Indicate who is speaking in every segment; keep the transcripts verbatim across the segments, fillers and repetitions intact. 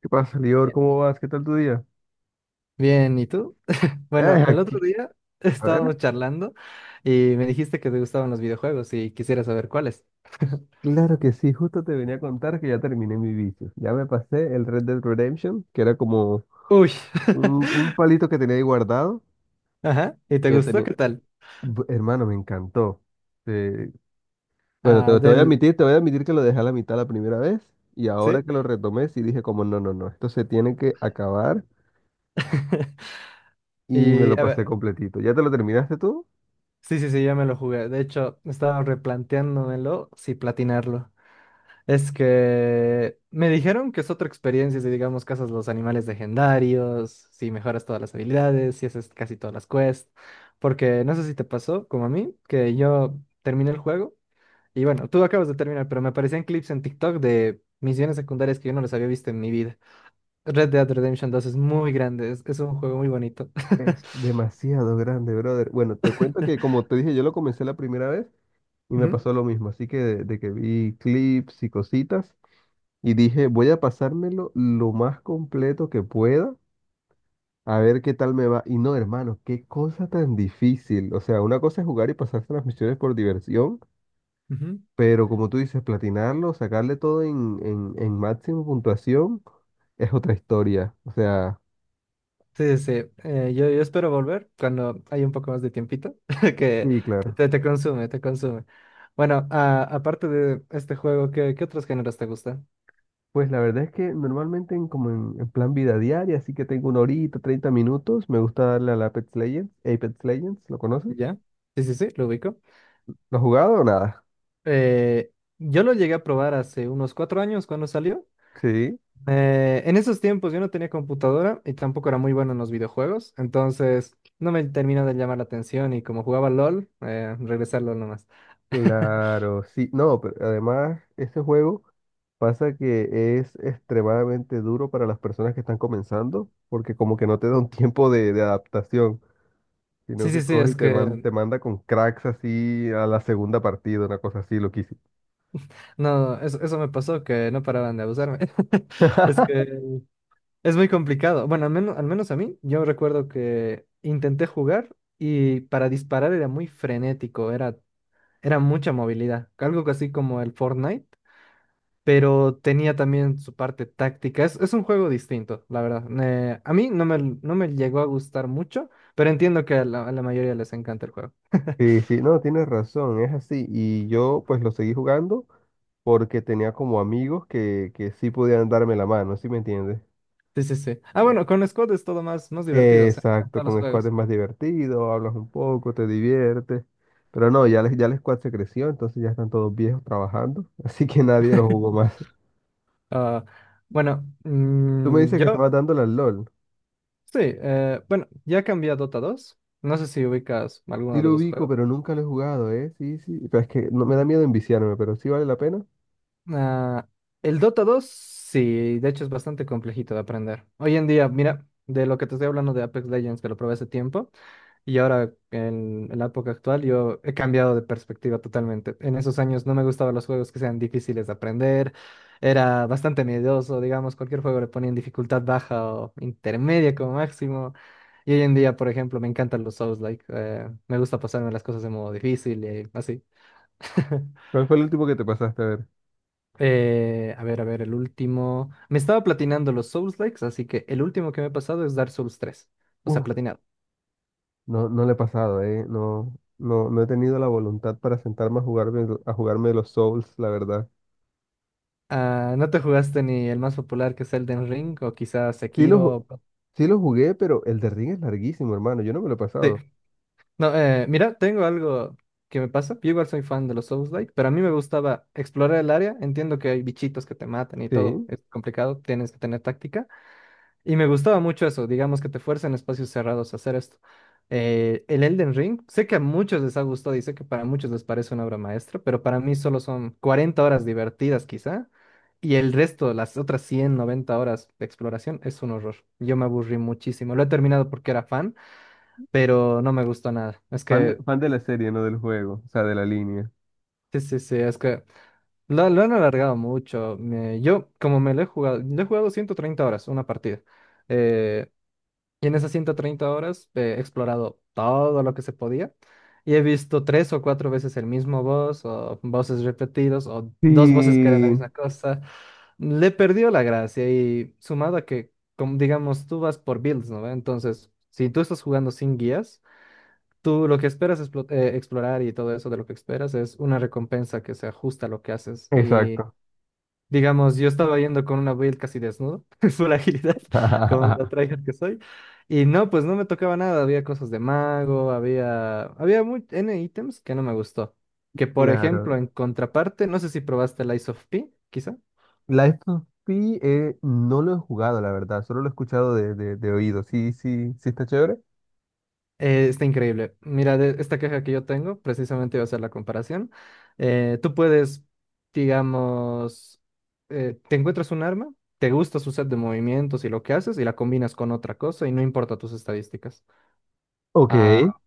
Speaker 1: ¿Qué pasa, Lior?
Speaker 2: Bien,
Speaker 1: ¿Cómo vas? ¿Qué tal tu día?
Speaker 2: Bien, ¿y tú? Bueno,
Speaker 1: Eh,
Speaker 2: el otro
Speaker 1: aquí.
Speaker 2: día
Speaker 1: A
Speaker 2: estábamos
Speaker 1: ver.
Speaker 2: charlando y me dijiste que te gustaban los videojuegos y quisiera saber cuáles.
Speaker 1: Claro que sí, justo te venía a contar que ya terminé mi vicio. Ya me pasé el Red Dead Redemption, que era como
Speaker 2: Uy,
Speaker 1: un, un palito que tenía ahí guardado.
Speaker 2: ajá, ¿y te
Speaker 1: Que
Speaker 2: gustó?
Speaker 1: tenía...
Speaker 2: ¿Qué tal?
Speaker 1: Bu- Hermano, me encantó. Eh, bueno,
Speaker 2: Ah,
Speaker 1: te, te voy a
Speaker 2: del,
Speaker 1: admitir, te voy a admitir que lo dejé a la mitad la primera vez y ahora
Speaker 2: ¿sí?
Speaker 1: que lo retomé sí dije como no, no, no, esto se tiene que acabar y me lo
Speaker 2: Y a
Speaker 1: pasé
Speaker 2: ver,
Speaker 1: completito. ¿Ya te lo terminaste tú?
Speaker 2: sí, sí, sí, ya me lo jugué. De hecho, estaba replanteándomelo si platinarlo. Es que me dijeron que es otra experiencia si, digamos, cazas los animales legendarios, si mejoras todas las habilidades, si haces casi todas las quests. Porque no sé si te pasó, como a mí, que yo terminé el juego y bueno, tú acabas de terminar, pero me aparecían clips en TikTok de misiones secundarias que yo no les había visto en mi vida. Red Dead Redemption dos es muy grande, es, es un juego muy bonito.
Speaker 1: Es demasiado grande, brother. Bueno, te cuento que como te dije, yo lo comencé la primera vez. Y me
Speaker 2: Ujú,
Speaker 1: pasó lo mismo, así que de, de que vi clips y cositas y dije, voy a pasármelo lo más completo que pueda, a ver qué tal me va. Y no, hermano, qué cosa tan difícil. O sea, una cosa es jugar y pasarse las misiones por diversión,
Speaker 2: ujú.
Speaker 1: pero como tú dices, platinarlo, sacarle todo en, en, en máximo puntuación, es otra historia. O sea,
Speaker 2: Sí, sí, eh, yo, yo espero volver cuando hay un poco más de tiempito, que
Speaker 1: sí, claro.
Speaker 2: te, te consume, te consume. Bueno, a- aparte de este juego, ¿qué, qué otros géneros te gustan?
Speaker 1: Pues la verdad es que normalmente en, como en, en plan vida diaria, así que tengo una horita, treinta minutos, me gusta darle al Apex Legends. Apex Legends, ¿lo conoces?
Speaker 2: ¿Ya? Sí, sí, sí, lo ubico.
Speaker 1: ¿Lo has jugado o nada?
Speaker 2: Eh, yo lo llegué a probar hace unos cuatro años cuando salió.
Speaker 1: Sí,
Speaker 2: Eh, en esos tiempos yo no tenía computadora y tampoco era muy bueno en los videojuegos, entonces no me terminó de llamar la atención y como jugaba LOL, eh, regresé a LOL nomás.
Speaker 1: claro, sí. No, pero además ese juego pasa que es extremadamente duro para las personas que están comenzando, porque como que no te da un tiempo de, de adaptación,
Speaker 2: Sí,
Speaker 1: sino
Speaker 2: sí,
Speaker 1: que
Speaker 2: sí,
Speaker 1: coge
Speaker 2: es
Speaker 1: y te, man-
Speaker 2: que
Speaker 1: te manda con cracks así a la segunda partida, una cosa así loquísima.
Speaker 2: no, eso, eso me pasó, que no paraban de abusarme. Es que es muy complicado. Bueno, al menos, al menos a mí, yo recuerdo que intenté jugar y para disparar era muy frenético, era, era mucha movilidad. Algo así como el Fortnite, pero tenía también su parte táctica. Es, es un juego distinto, la verdad. Eh, a mí no me, no me llegó a gustar mucho, pero entiendo que a la, a la mayoría les encanta el juego.
Speaker 1: Sí, sí, no, tienes razón, es así. Y yo pues lo seguí jugando porque tenía como amigos que, que sí podían darme la mano, ¿sí me entiendes?
Speaker 2: Sí, sí, sí. Ah, bueno, con Squad es todo más, más divertido, se notan
Speaker 1: Exacto,
Speaker 2: todos los
Speaker 1: con squad es
Speaker 2: juegos.
Speaker 1: más divertido, hablas un poco, te diviertes. Pero no, ya, les, ya el squad se creció, entonces ya están todos viejos trabajando, así que nadie lo jugó más.
Speaker 2: Ah, bueno,
Speaker 1: Tú me
Speaker 2: mm,
Speaker 1: dices que
Speaker 2: yo
Speaker 1: estabas dándole al L O L.
Speaker 2: sí, eh, bueno, ya cambié a Dota dos. No sé si ubicas alguno
Speaker 1: Sí
Speaker 2: de los
Speaker 1: lo
Speaker 2: dos
Speaker 1: ubico,
Speaker 2: juegos.
Speaker 1: pero nunca lo he jugado, ¿eh? Sí, sí. Pero es que no me da miedo enviciarme, pero sí vale la pena.
Speaker 2: Ah, el Dota dos, sí, de hecho es bastante complejito de aprender. Hoy en día, mira, de lo que te estoy hablando de Apex Legends, que lo probé hace tiempo, y ahora en, en la época actual yo he cambiado de perspectiva totalmente. En esos años no me gustaban los juegos que sean difíciles de aprender, era bastante miedoso, digamos, cualquier juego le ponía en dificultad baja o intermedia como máximo. Y hoy en día, por ejemplo, me encantan los Souls-like, eh, me gusta pasarme las cosas de modo difícil y así.
Speaker 1: ¿Cuál fue el último que te pasaste a ver?
Speaker 2: Eh, a ver, a ver, el último. Me estaba platinando los Souls Likes, así que el último que me he pasado es Dark Souls tres. O sea,
Speaker 1: Uf,
Speaker 2: platinado.
Speaker 1: no, no le he pasado, ¿eh? No, no, no he tenido la voluntad para sentarme a jugarme, a jugarme los Souls, la verdad.
Speaker 2: Ah, ¿no te jugaste ni el más popular que es Elden Ring o quizás
Speaker 1: Sí lo, ju-
Speaker 2: Sekiro?
Speaker 1: sí lo jugué, pero el de Ring es larguísimo, hermano. Yo no me lo he
Speaker 2: Sí.
Speaker 1: pasado.
Speaker 2: No, eh, mira, tengo algo que me pasa. Yo igual soy fan de los Souls Like, pero a mí me gustaba explorar el área. Entiendo que hay bichitos que te matan y todo.
Speaker 1: Sí.
Speaker 2: Es complicado, tienes que tener táctica. Y me gustaba mucho eso, digamos que te fuerza en espacios cerrados a hacer esto. Eh, el Elden Ring, sé que a muchos les ha gustado y sé que para muchos les parece una obra maestra, pero para mí solo son cuarenta horas divertidas quizá, y el resto, las otras cien, noventa horas de exploración, es un horror. Yo me aburrí muchísimo. Lo he terminado porque era fan, pero no me gustó nada. Es
Speaker 1: Fan de,
Speaker 2: que,
Speaker 1: fan de
Speaker 2: ay,
Speaker 1: la serie, no del juego, o sea, de la línea.
Speaker 2: sí, sí, sí, es que lo, lo han alargado mucho. Me- yo, como me lo he jugado, lo he jugado ciento treinta horas, una partida. Eh, Y en esas ciento treinta horas eh, he explorado todo lo que se podía y he visto tres o cuatro veces el mismo boss o voces repetidos o
Speaker 1: Sí,
Speaker 2: dos voces que eran la misma cosa. Le perdió la gracia y sumado a que, como digamos, tú vas por builds, ¿no? ve Entonces, si tú estás jugando sin guías, tú lo que esperas explo- eh, explorar y todo eso de lo que esperas es una recompensa que se ajusta a lo que haces. Y
Speaker 1: exacto.
Speaker 2: digamos, yo estaba yendo con una build casi desnudo, full agilidad, con la tryhard que soy. Y no, pues no me tocaba nada. Había cosas de mago, había, había muy, N ítems que no me gustó. Que por ejemplo,
Speaker 1: Claro.
Speaker 2: en contraparte, no sé si probaste el Ice of P, quizá.
Speaker 1: Life of Pi eh, no lo he jugado, la verdad, solo lo he escuchado de, de, de oído. Sí, sí, sí está chévere.
Speaker 2: Eh, está increíble. Mira, de esta queja que yo tengo, precisamente iba a hacer la comparación. Eh, tú puedes, digamos, eh, te encuentras un arma, te gusta su set de movimientos y lo que haces, y la combinas con otra cosa y no importa tus estadísticas.
Speaker 1: Ok.
Speaker 2: ah,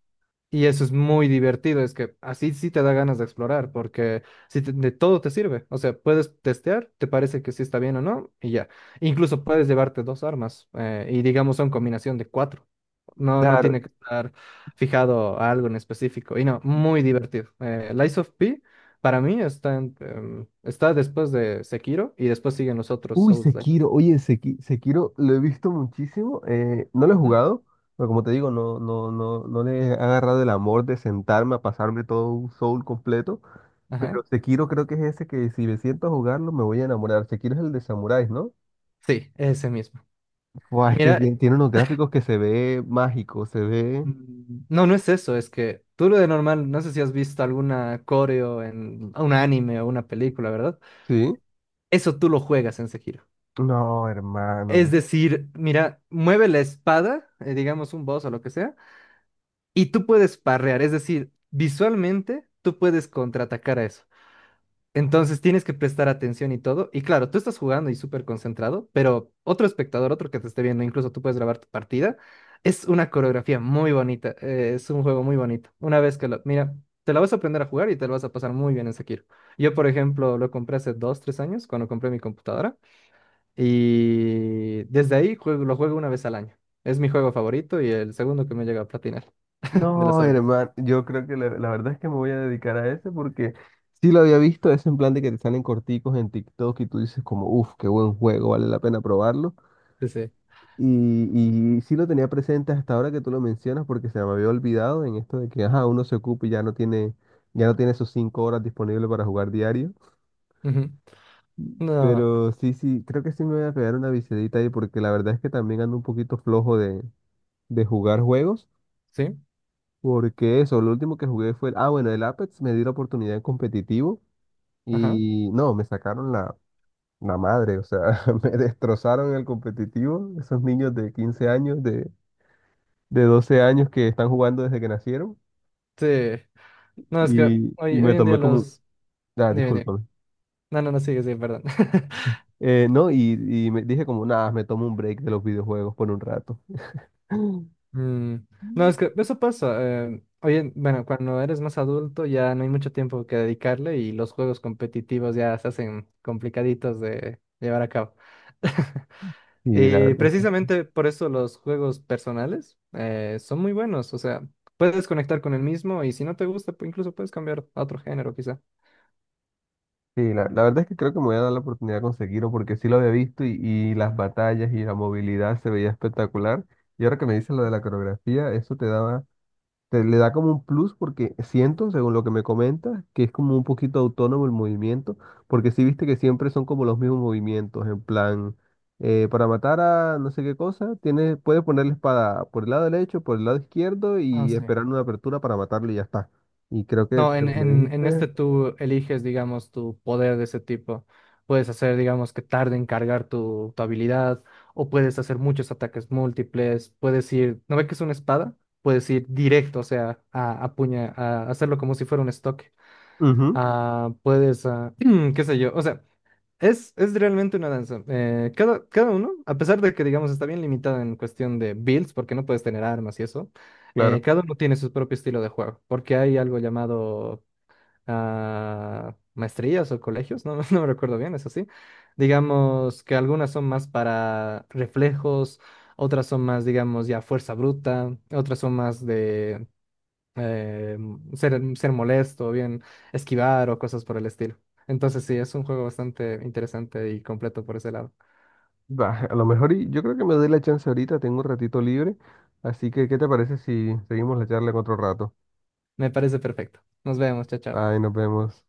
Speaker 2: Y eso es muy divertido, es que así sí te da ganas de explorar, porque si te- de todo te sirve, o sea, puedes testear, te parece que sí está bien o no, y ya. Incluso puedes llevarte dos armas, eh, y digamos son combinación de cuatro. No, no tiene
Speaker 1: Claro.
Speaker 2: que estar fijado a algo en específico, y no, muy divertido. Eh, Lies of P, para mí, está, en- em, está después de Sekiro, y después siguen los otros
Speaker 1: Uy,
Speaker 2: Souls-like.
Speaker 1: Sekiro, oye, Seki- Sekiro lo he visto muchísimo, eh, no lo he
Speaker 2: Ujú.
Speaker 1: jugado, pero como te digo, no, no, no, no le he agarrado el amor de sentarme a pasarme todo un Soul completo,
Speaker 2: Ajá.
Speaker 1: pero Sekiro creo que es ese que si me siento a jugarlo me voy a enamorar. Sekiro es el de samuráis, ¿no?
Speaker 2: Sí, ese mismo.
Speaker 1: Buah, es que
Speaker 2: Mira,
Speaker 1: ti- tiene unos gráficos que se ve mágico, se ve,
Speaker 2: Mm, no, no es eso, es que tú lo de normal, no sé si has visto alguna coreo en un anime o una película, ¿verdad?
Speaker 1: ¿sí?
Speaker 2: Eso tú lo juegas en Sekiro.
Speaker 1: No, hermano.
Speaker 2: Es decir, mira, mueve la espada, eh, digamos un boss o lo que sea, y tú puedes parrear, es decir, visualmente tú puedes contraatacar a eso. Entonces tienes que prestar atención y todo. Y claro, tú estás jugando y súper concentrado, pero otro espectador, otro que te esté viendo, incluso tú puedes grabar tu partida. Es una coreografía muy bonita. Eh, es un juego muy bonito. Una vez que lo... Mira, te la vas a aprender a jugar y te lo vas a pasar muy bien en Sekiro. Yo, por ejemplo, lo compré hace dos, tres años cuando compré mi computadora. Y desde ahí juego- lo juego una vez al año. Es mi juego favorito y el segundo que me llega a platinar. de los...
Speaker 1: No, hermano. Yo creo que la, la verdad es que me voy a dedicar a ese porque sí lo había visto, es en plan de que te salen corticos en TikTok y tú dices como, uff, qué buen juego, vale la pena probarlo.
Speaker 2: Sí, sí.
Speaker 1: Y, y sí lo tenía presente hasta ahora que tú lo mencionas porque se me había olvidado en esto de que, ajá, uno se ocupa y ya no tiene, ya no tiene esos cinco horas disponibles para jugar diario.
Speaker 2: Ujú. No,
Speaker 1: Pero sí, sí, creo que sí me voy a pegar una viciadita ahí porque la verdad es que también ando un poquito flojo de, de jugar juegos.
Speaker 2: sí,
Speaker 1: Porque eso, lo último que jugué fue, ah, bueno, el Apex me dio la oportunidad en competitivo
Speaker 2: ajá.
Speaker 1: y no, me sacaron la, la madre, o sea, me destrozaron el competitivo, esos niños de quince años, de, de doce años que están jugando desde que nacieron.
Speaker 2: Sí. No, es que
Speaker 1: Y, y
Speaker 2: hoy, hoy
Speaker 1: me
Speaker 2: en día
Speaker 1: tomé como, un-
Speaker 2: los...
Speaker 1: ah,
Speaker 2: dime, dime.
Speaker 1: discúlpame.
Speaker 2: No, no, no, sigue, sí, perdón.
Speaker 1: Eh, no, y, Y me dije como, nada, me tomo un break de los videojuegos por un rato.
Speaker 2: Mm, No, es que eso pasa. Eh, hoy en- bueno, cuando eres más adulto ya no hay mucho tiempo que dedicarle y los juegos competitivos ya se hacen complicaditos de llevar a cabo.
Speaker 1: Y la
Speaker 2: Y
Speaker 1: verdad.
Speaker 2: precisamente por eso los juegos personales eh, son muy buenos. O sea, puedes conectar con el mismo y si no te gusta, pu- incluso puedes cambiar a otro género, quizá.
Speaker 1: Sí, la, la verdad es que creo que me voy a dar la oportunidad de conseguirlo porque sí lo había visto y, y las batallas y la movilidad se veía espectacular. Y ahora que me dices lo de la coreografía, eso te daba, te le da como un plus porque siento, según lo que me comentas, que es como un poquito autónomo el movimiento, porque sí viste que siempre son como los mismos movimientos, en plan, eh, para matar a no sé qué cosa, tienes, puedes poner la espada por el lado derecho, por el lado izquierdo
Speaker 2: Ah,
Speaker 1: y
Speaker 2: sí.
Speaker 1: esperar una apertura para matarlo y ya está. Y creo que,
Speaker 2: No, en,
Speaker 1: como me
Speaker 2: en, en este
Speaker 1: dijiste,
Speaker 2: tú eliges, digamos, tu poder de ese tipo. Puedes hacer, digamos, que tarde en cargar tu, tu habilidad, o puedes hacer muchos ataques múltiples, puedes ir, ¿no ve que es una espada? Puedes ir directo, o sea, a, a puña, a hacerlo como si fuera un estoque.
Speaker 1: ujú,
Speaker 2: Ah, puedes, ah, qué sé yo, o sea, es, es realmente una danza. Eh, cada, cada uno, a pesar de que, digamos, está bien limitada en cuestión de builds, porque no puedes tener armas y eso, eh,
Speaker 1: claro.
Speaker 2: cada uno tiene su propio estilo de juego, porque hay algo llamado ah, maestrías o colegios, no, no me recuerdo bien, eso sí. Digamos que algunas son más para reflejos, otras son más, digamos, ya fuerza bruta, otras son más de eh, mm, ser, ser molesto, bien esquivar o cosas por el estilo. Entonces sí, es un juego bastante interesante y completo por ese lado.
Speaker 1: Va, a lo mejor y- yo creo que me doy la chance ahorita, tengo un ratito libre, así que ¿qué te parece si seguimos la charla en otro rato?
Speaker 2: Me parece perfecto. Nos vemos, chao, chao.
Speaker 1: Ay, nos vemos.